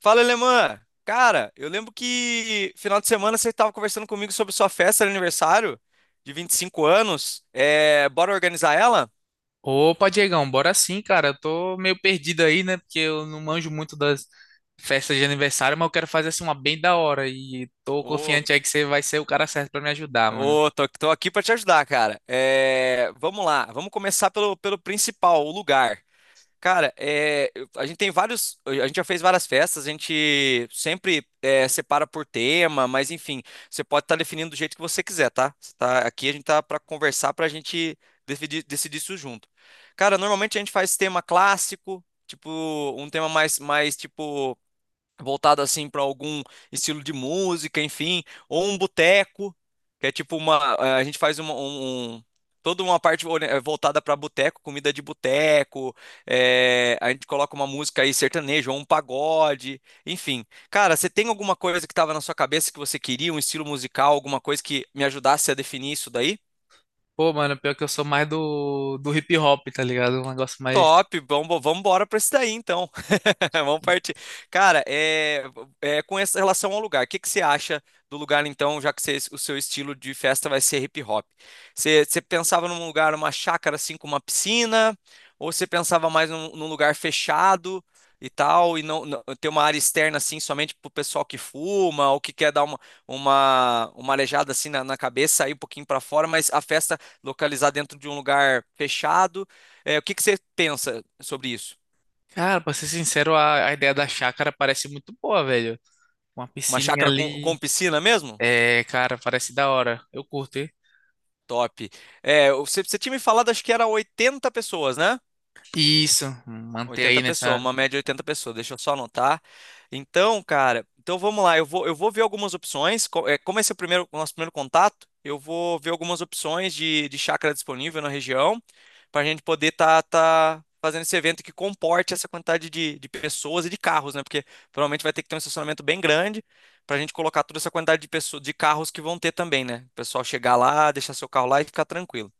Fala, Alemã! Cara, eu lembro que final de semana você estava conversando comigo sobre sua festa de aniversário de 25 anos. Bora organizar ela? Opa, Diegão, bora sim, cara. Eu tô meio perdido aí, né? Porque eu não manjo muito das festas de aniversário, mas eu quero fazer assim uma bem da hora. E tô Ô, confiante aí que você vai ser o cara certo pra me ajudar, mano. tô aqui para te ajudar, cara. Vamos lá, vamos começar pelo principal, o lugar. Cara, a gente tem vários. A gente já fez várias festas, a gente sempre separa por tema, mas enfim, você pode estar definindo do jeito que você quiser, tá? Aqui a gente tá para conversar, pra gente decidir isso junto. Cara, normalmente a gente faz tema clássico, tipo, um tema mais tipo voltado assim para algum estilo de música, enfim, ou um boteco, que é tipo a gente faz toda uma parte voltada para boteco, comida de boteco, a gente coloca uma música aí sertaneja ou um pagode, enfim. Cara, você tem alguma coisa que estava na sua cabeça que você queria, um estilo musical, alguma coisa que me ajudasse a definir isso daí? Pô, mano, pior que eu sou mais do hip hop, tá ligado? Um negócio mais. Top, vamos embora para isso daí então. Vamos partir. Cara, com essa relação ao lugar, o que que você acha do lugar então, já que o seu estilo de festa vai ser hip hop? Você pensava num lugar, uma chácara assim com uma piscina, ou você pensava mais num lugar fechado e tal, e não ter uma área externa assim somente pro pessoal que fuma ou que quer dar uma aleijada assim na cabeça, sair um pouquinho para fora, mas a festa localizar dentro de um lugar fechado? É, o que que você pensa sobre isso? Cara, pra ser sincero, a ideia da chácara parece muito boa, velho. Uma Uma piscininha chácara com ali. piscina mesmo? É, cara, parece da hora. Eu curto, hein? Top. É, você tinha me falado, acho que era 80 pessoas, né? Isso, manter aí 80 pessoas, nessa. uma média de 80 pessoas, deixa eu só anotar. Então, cara, então vamos lá, eu vou ver algumas opções. Como esse é o nosso primeiro contato, eu vou ver algumas opções de chácara disponível na região, para a gente poder tá fazendo esse evento que comporte essa quantidade de pessoas e de carros, né? Porque provavelmente vai ter que ter um estacionamento bem grande para a gente colocar toda essa quantidade de pessoas, de carros que vão ter também, né? O pessoal chegar lá, deixar seu carro lá e ficar tranquilo.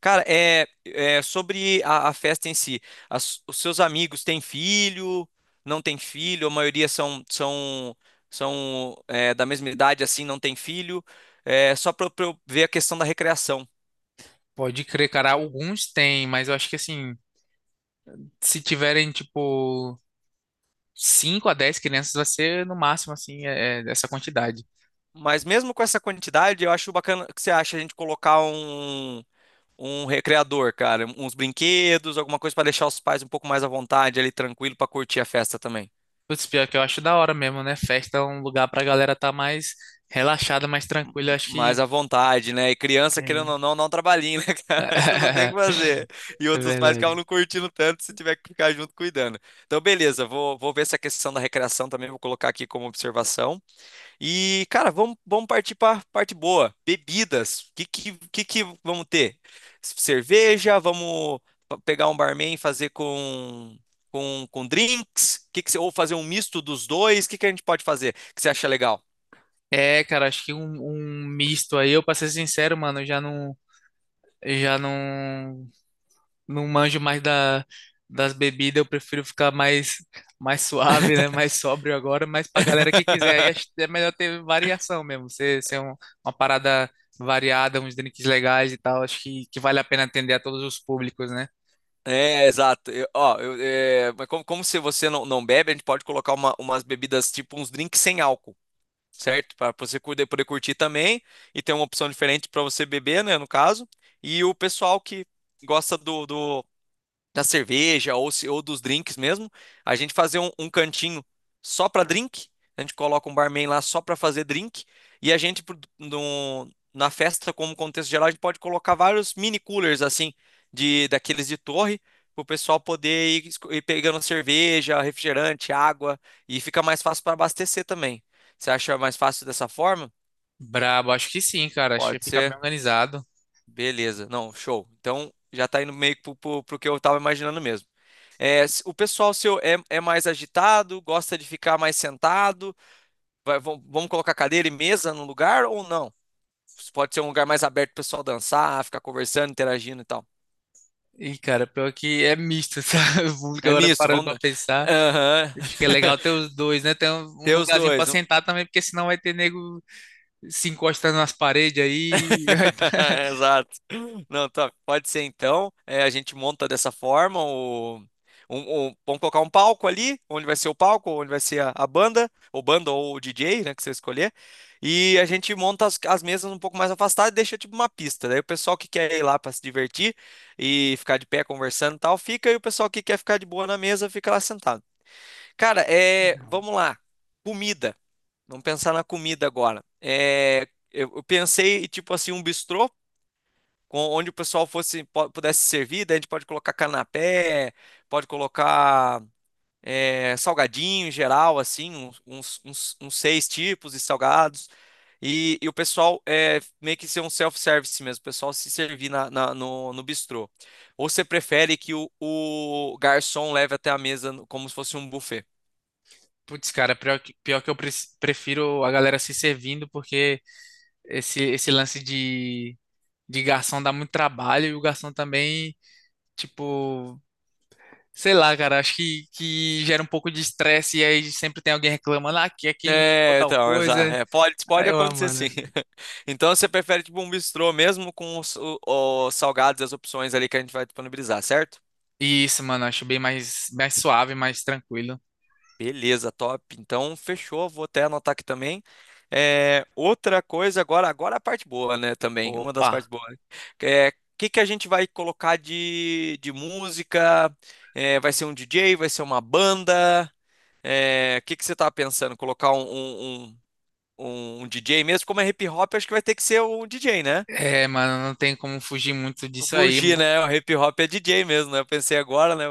Cara, é sobre a festa em si. Os seus amigos têm filho? Não têm filho? A maioria são da mesma idade, assim, não tem filho. É só para eu ver a questão da recreação. Pode crer, cara. Alguns tem, mas eu acho que assim, se tiverem, tipo, 5 a 10 crianças vai ser no máximo, assim, é, é essa quantidade. Mas mesmo com essa quantidade, eu acho bacana. O que você acha a gente colocar um recreador, cara, uns brinquedos, alguma coisa para deixar os pais um pouco mais à vontade, ali tranquilo para curtir a festa também. Putz, pior que eu acho da hora mesmo, né? Festa é um lugar pra galera tá mais relaxada, mais tranquila. Eu acho Mais que. à vontade, né? E criança, querendo É. ou não, dá um trabalhinho, né, cara? Não tem o que fazer. E É outros pais ficavam não verdade. curtindo tanto se tiver que ficar junto cuidando. Então, beleza, vou ver essa questão da recreação também, vou colocar aqui como observação. E, cara, vamos partir para parte boa. Bebidas. O que vamos ter? Cerveja, vamos pegar um barman e fazer com drinks? Ou fazer um misto dos dois? O que a gente pode fazer que você acha legal? É, cara, acho que um misto aí, eu pra ser sincero, mano, eu já não. Eu já não não manjo mais das bebidas, eu prefiro ficar mais, mais suave, né? Mais sóbrio agora, mas pra galera que quiser, aí acho que é melhor ter variação mesmo, ser, ser um- uma parada variada, uns drinks legais e tal, acho que vale a pena atender a todos os públicos, né? É, exato. Mas como se você não bebe, a gente pode colocar umas bebidas, tipo uns drinks sem álcool, certo? Para você poder curtir também e ter uma opção diferente para você beber, né, no caso. E o pessoal que gosta do da cerveja ou, se- ou dos drinks mesmo, a gente fazer um cantinho só para drink. A gente coloca um barman lá só para fazer drink. E a gente, na festa, como contexto geral, a gente pode colocar vários mini coolers, assim, daqueles de torre, para o pessoal ir pegando cerveja, refrigerante, água. E fica mais fácil para abastecer também. Você acha mais fácil dessa forma? Brabo, acho que sim, cara, acho que Pode fica ser. bem organizado. Beleza, não, show. Então já tá indo meio que pro que eu tava imaginando mesmo. O pessoal seu é mais agitado, gosta de ficar mais sentado? Vamos colocar cadeira e mesa no lugar ou não? Pode ser um lugar mais aberto pro pessoal dançar, ficar conversando, interagindo e tal. E, cara, pior que é misto, sabe? O público É agora misto, parando pra vamos. pensar. Aham. Acho que é legal ter os dois, né? Ter um Ter os lugarzinho pra dois. sentar também, porque senão vai ter nego se encostando nas paredes aí. Vai tá- Exato. Não, tá. Pode ser então. É, a gente monta dessa forma. Vamos colocar um palco ali, onde vai ser o palco, onde vai ser a banda, ou banda ou o DJ, né, que você escolher. E a gente monta as mesas um pouco mais afastadas e deixa tipo uma pista. Daí o pessoal que quer ir lá para se divertir e ficar de pé conversando e tal, fica. E o pessoal que quer ficar de boa na mesa fica lá sentado. Cara, Ah, é, não. vamos lá. Comida. Vamos pensar na comida agora. Eu pensei, tipo assim, um bistrô onde o pessoal pudesse servir, daí a gente pode colocar canapé, pode colocar salgadinho em geral, assim, uns seis tipos de salgados. E o pessoal meio que ser um self-service mesmo, o pessoal se servir no bistrô. Ou você prefere que o garçom leve até a mesa como se fosse um buffet? Putz, cara, pior que eu pre- prefiro a galera se servindo, porque esse lance de garçom dá muito trabalho e o garçom também, tipo, sei lá, cara, acho que gera um pouco de estresse e aí sempre tem alguém reclamando, ah, aqui não chegou É, tal então, exato. coisa. É, pode Aí eu, ah, acontecer sim. mano. Então você prefere tipo um bistrô mesmo com os salgados e as opções ali que a gente vai disponibilizar, certo? E isso, mano, acho bem mais, mais suave, mais tranquilo. Beleza, top. Então fechou, vou até anotar aqui também. É, outra coisa agora, agora a parte boa, né, também, uma das Opa. partes boas. É, o que que a gente vai colocar de música? É, vai ser um DJ, vai ser uma banda? É, o que que você tá pensando? Colocar um DJ mesmo, como é hip hop, acho que vai ter que ser um DJ, né? É, mano, não tem como fugir muito disso aí. Fugir, né? O hip hop é DJ mesmo, né? Eu pensei agora, né?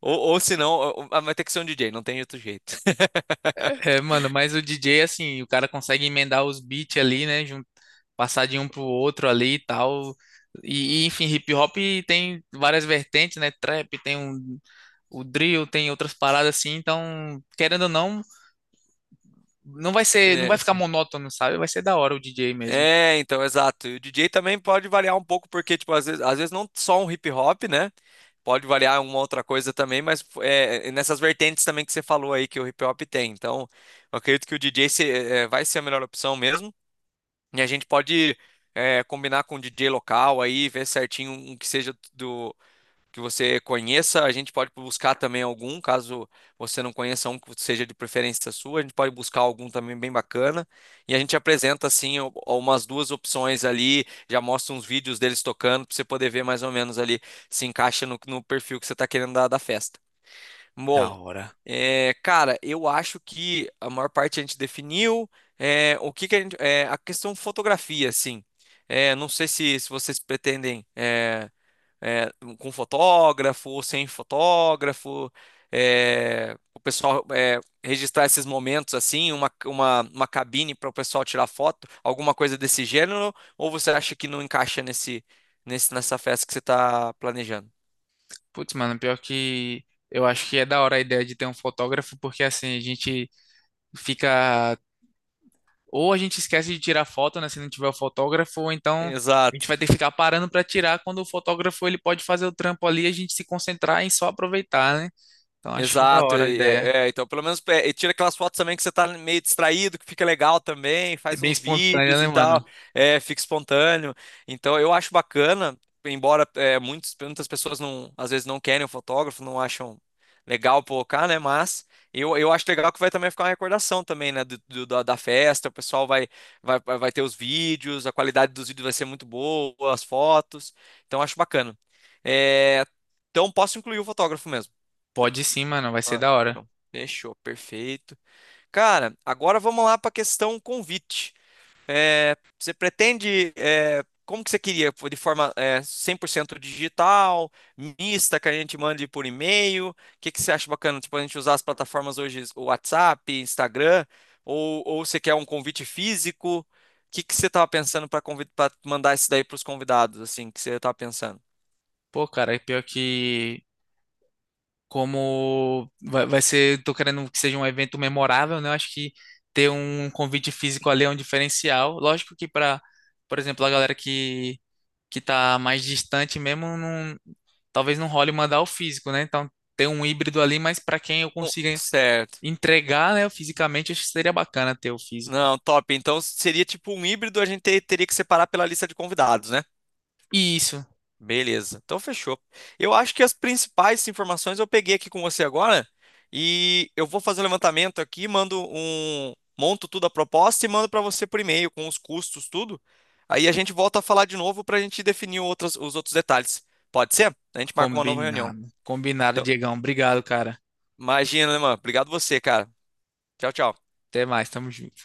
Ou se não, ou- ah, Vai ter que ser um DJ, não tem outro jeito. É, mano, mas o DJ, assim, o cara consegue emendar os beats ali, né? Passar de um pro outro ali e tal. Enfim, hip hop tem várias vertentes, né? Trap, tem um, o drill, tem outras paradas assim, então, querendo ou não, não É, vai ficar assim. monótono, sabe? Vai ser da hora o DJ mesmo. É, então, exato. E o DJ também pode variar um pouco, porque, tipo, às vezes não só um hip hop, né? Pode variar uma outra coisa também, mas nessas vertentes também que você falou aí que o hip hop tem. Então, eu acredito que o DJ vai ser a melhor opção mesmo. E a gente pode combinar com o DJ local aí, ver certinho um que seja do que você conheça. A gente pode buscar também algum, caso você não conheça um que seja de preferência sua, a gente pode buscar algum também bem bacana. E a gente apresenta assim umas duas opções ali, já mostra uns vídeos deles tocando para você poder ver mais ou menos ali se encaixa no perfil que você está querendo dar da festa. Bom, Da hora. é, cara, eu acho que a maior parte a gente definiu é, o que que a gente, é, a questão fotografia, assim. É, não sei se vocês pretendem é, com fotógrafo ou sem fotógrafo, é, o pessoal é, registrar esses momentos assim, uma cabine para o pessoal tirar foto, alguma coisa desse gênero, ou você acha que não encaixa nessa festa que você está planejando? Putz, mano, pior que eu acho que é da hora a ideia de ter um fotógrafo, porque assim, a gente fica, ou a gente esquece de tirar foto, né, se não tiver o fotógrafo, ou então a gente Exato. vai ter que ficar parando pra tirar quando o fotógrafo ele pode fazer o trampo ali e a gente se concentrar em só aproveitar, né? Então acho que da Exato, hora a ideia. Então pelo menos é, e tira aquelas fotos também que você tá meio distraído, que fica legal também, É faz bem uns espontânea, vídeos né, e tal, mano? é, fica espontâneo. Então eu acho bacana, embora é, muitas pessoas não, às vezes não querem o fotógrafo, não acham legal colocar, né? Mas eu acho legal que vai também ficar uma recordação também, né? Da festa, o pessoal vai ter os vídeos, a qualidade dos vídeos vai ser muito boa, as fotos, então eu acho bacana. É, então posso incluir o fotógrafo mesmo. Pode sim, mano, vai ser Ah, da hora. então, fechou, perfeito. Cara, agora vamos lá para a questão convite. É, você pretende, é, como que você queria? De forma, é, 100% digital, mista, que a gente mande por e-mail? O que que você acha bacana? Tipo, a gente usar as plataformas hoje, o WhatsApp, Instagram, ou você quer um convite físico? O que que você estava pensando para mandar isso daí para os convidados, assim, que você estava pensando? Pô, cara, é pior que como vai, vai ser, tô querendo que seja um evento memorável, né? Eu acho que ter um convite físico ali é um diferencial. Lógico que para, por exemplo, a galera que tá mais distante mesmo, não, talvez não role mandar o físico, né? Então ter um híbrido ali, mas para quem eu consiga Certo. entregar, né, fisicamente, acho que seria bacana ter o físico. Não, top. Então seria tipo um híbrido, a gente teria que separar pela lista de convidados, né? E isso. Beleza. Então fechou. Eu acho que as principais informações eu peguei aqui com você agora e eu vou fazer um levantamento aqui, monto tudo a proposta e mando para você por e-mail com os custos, tudo. Aí a gente volta a falar de novo para a gente definir os outros detalhes. Pode ser? A gente marca uma nova reunião. Combinado. Combinado, Então, Diegão. Obrigado, cara. imagina, né, mano? Obrigado você, cara. Tchau, tchau. Até mais, tamo junto.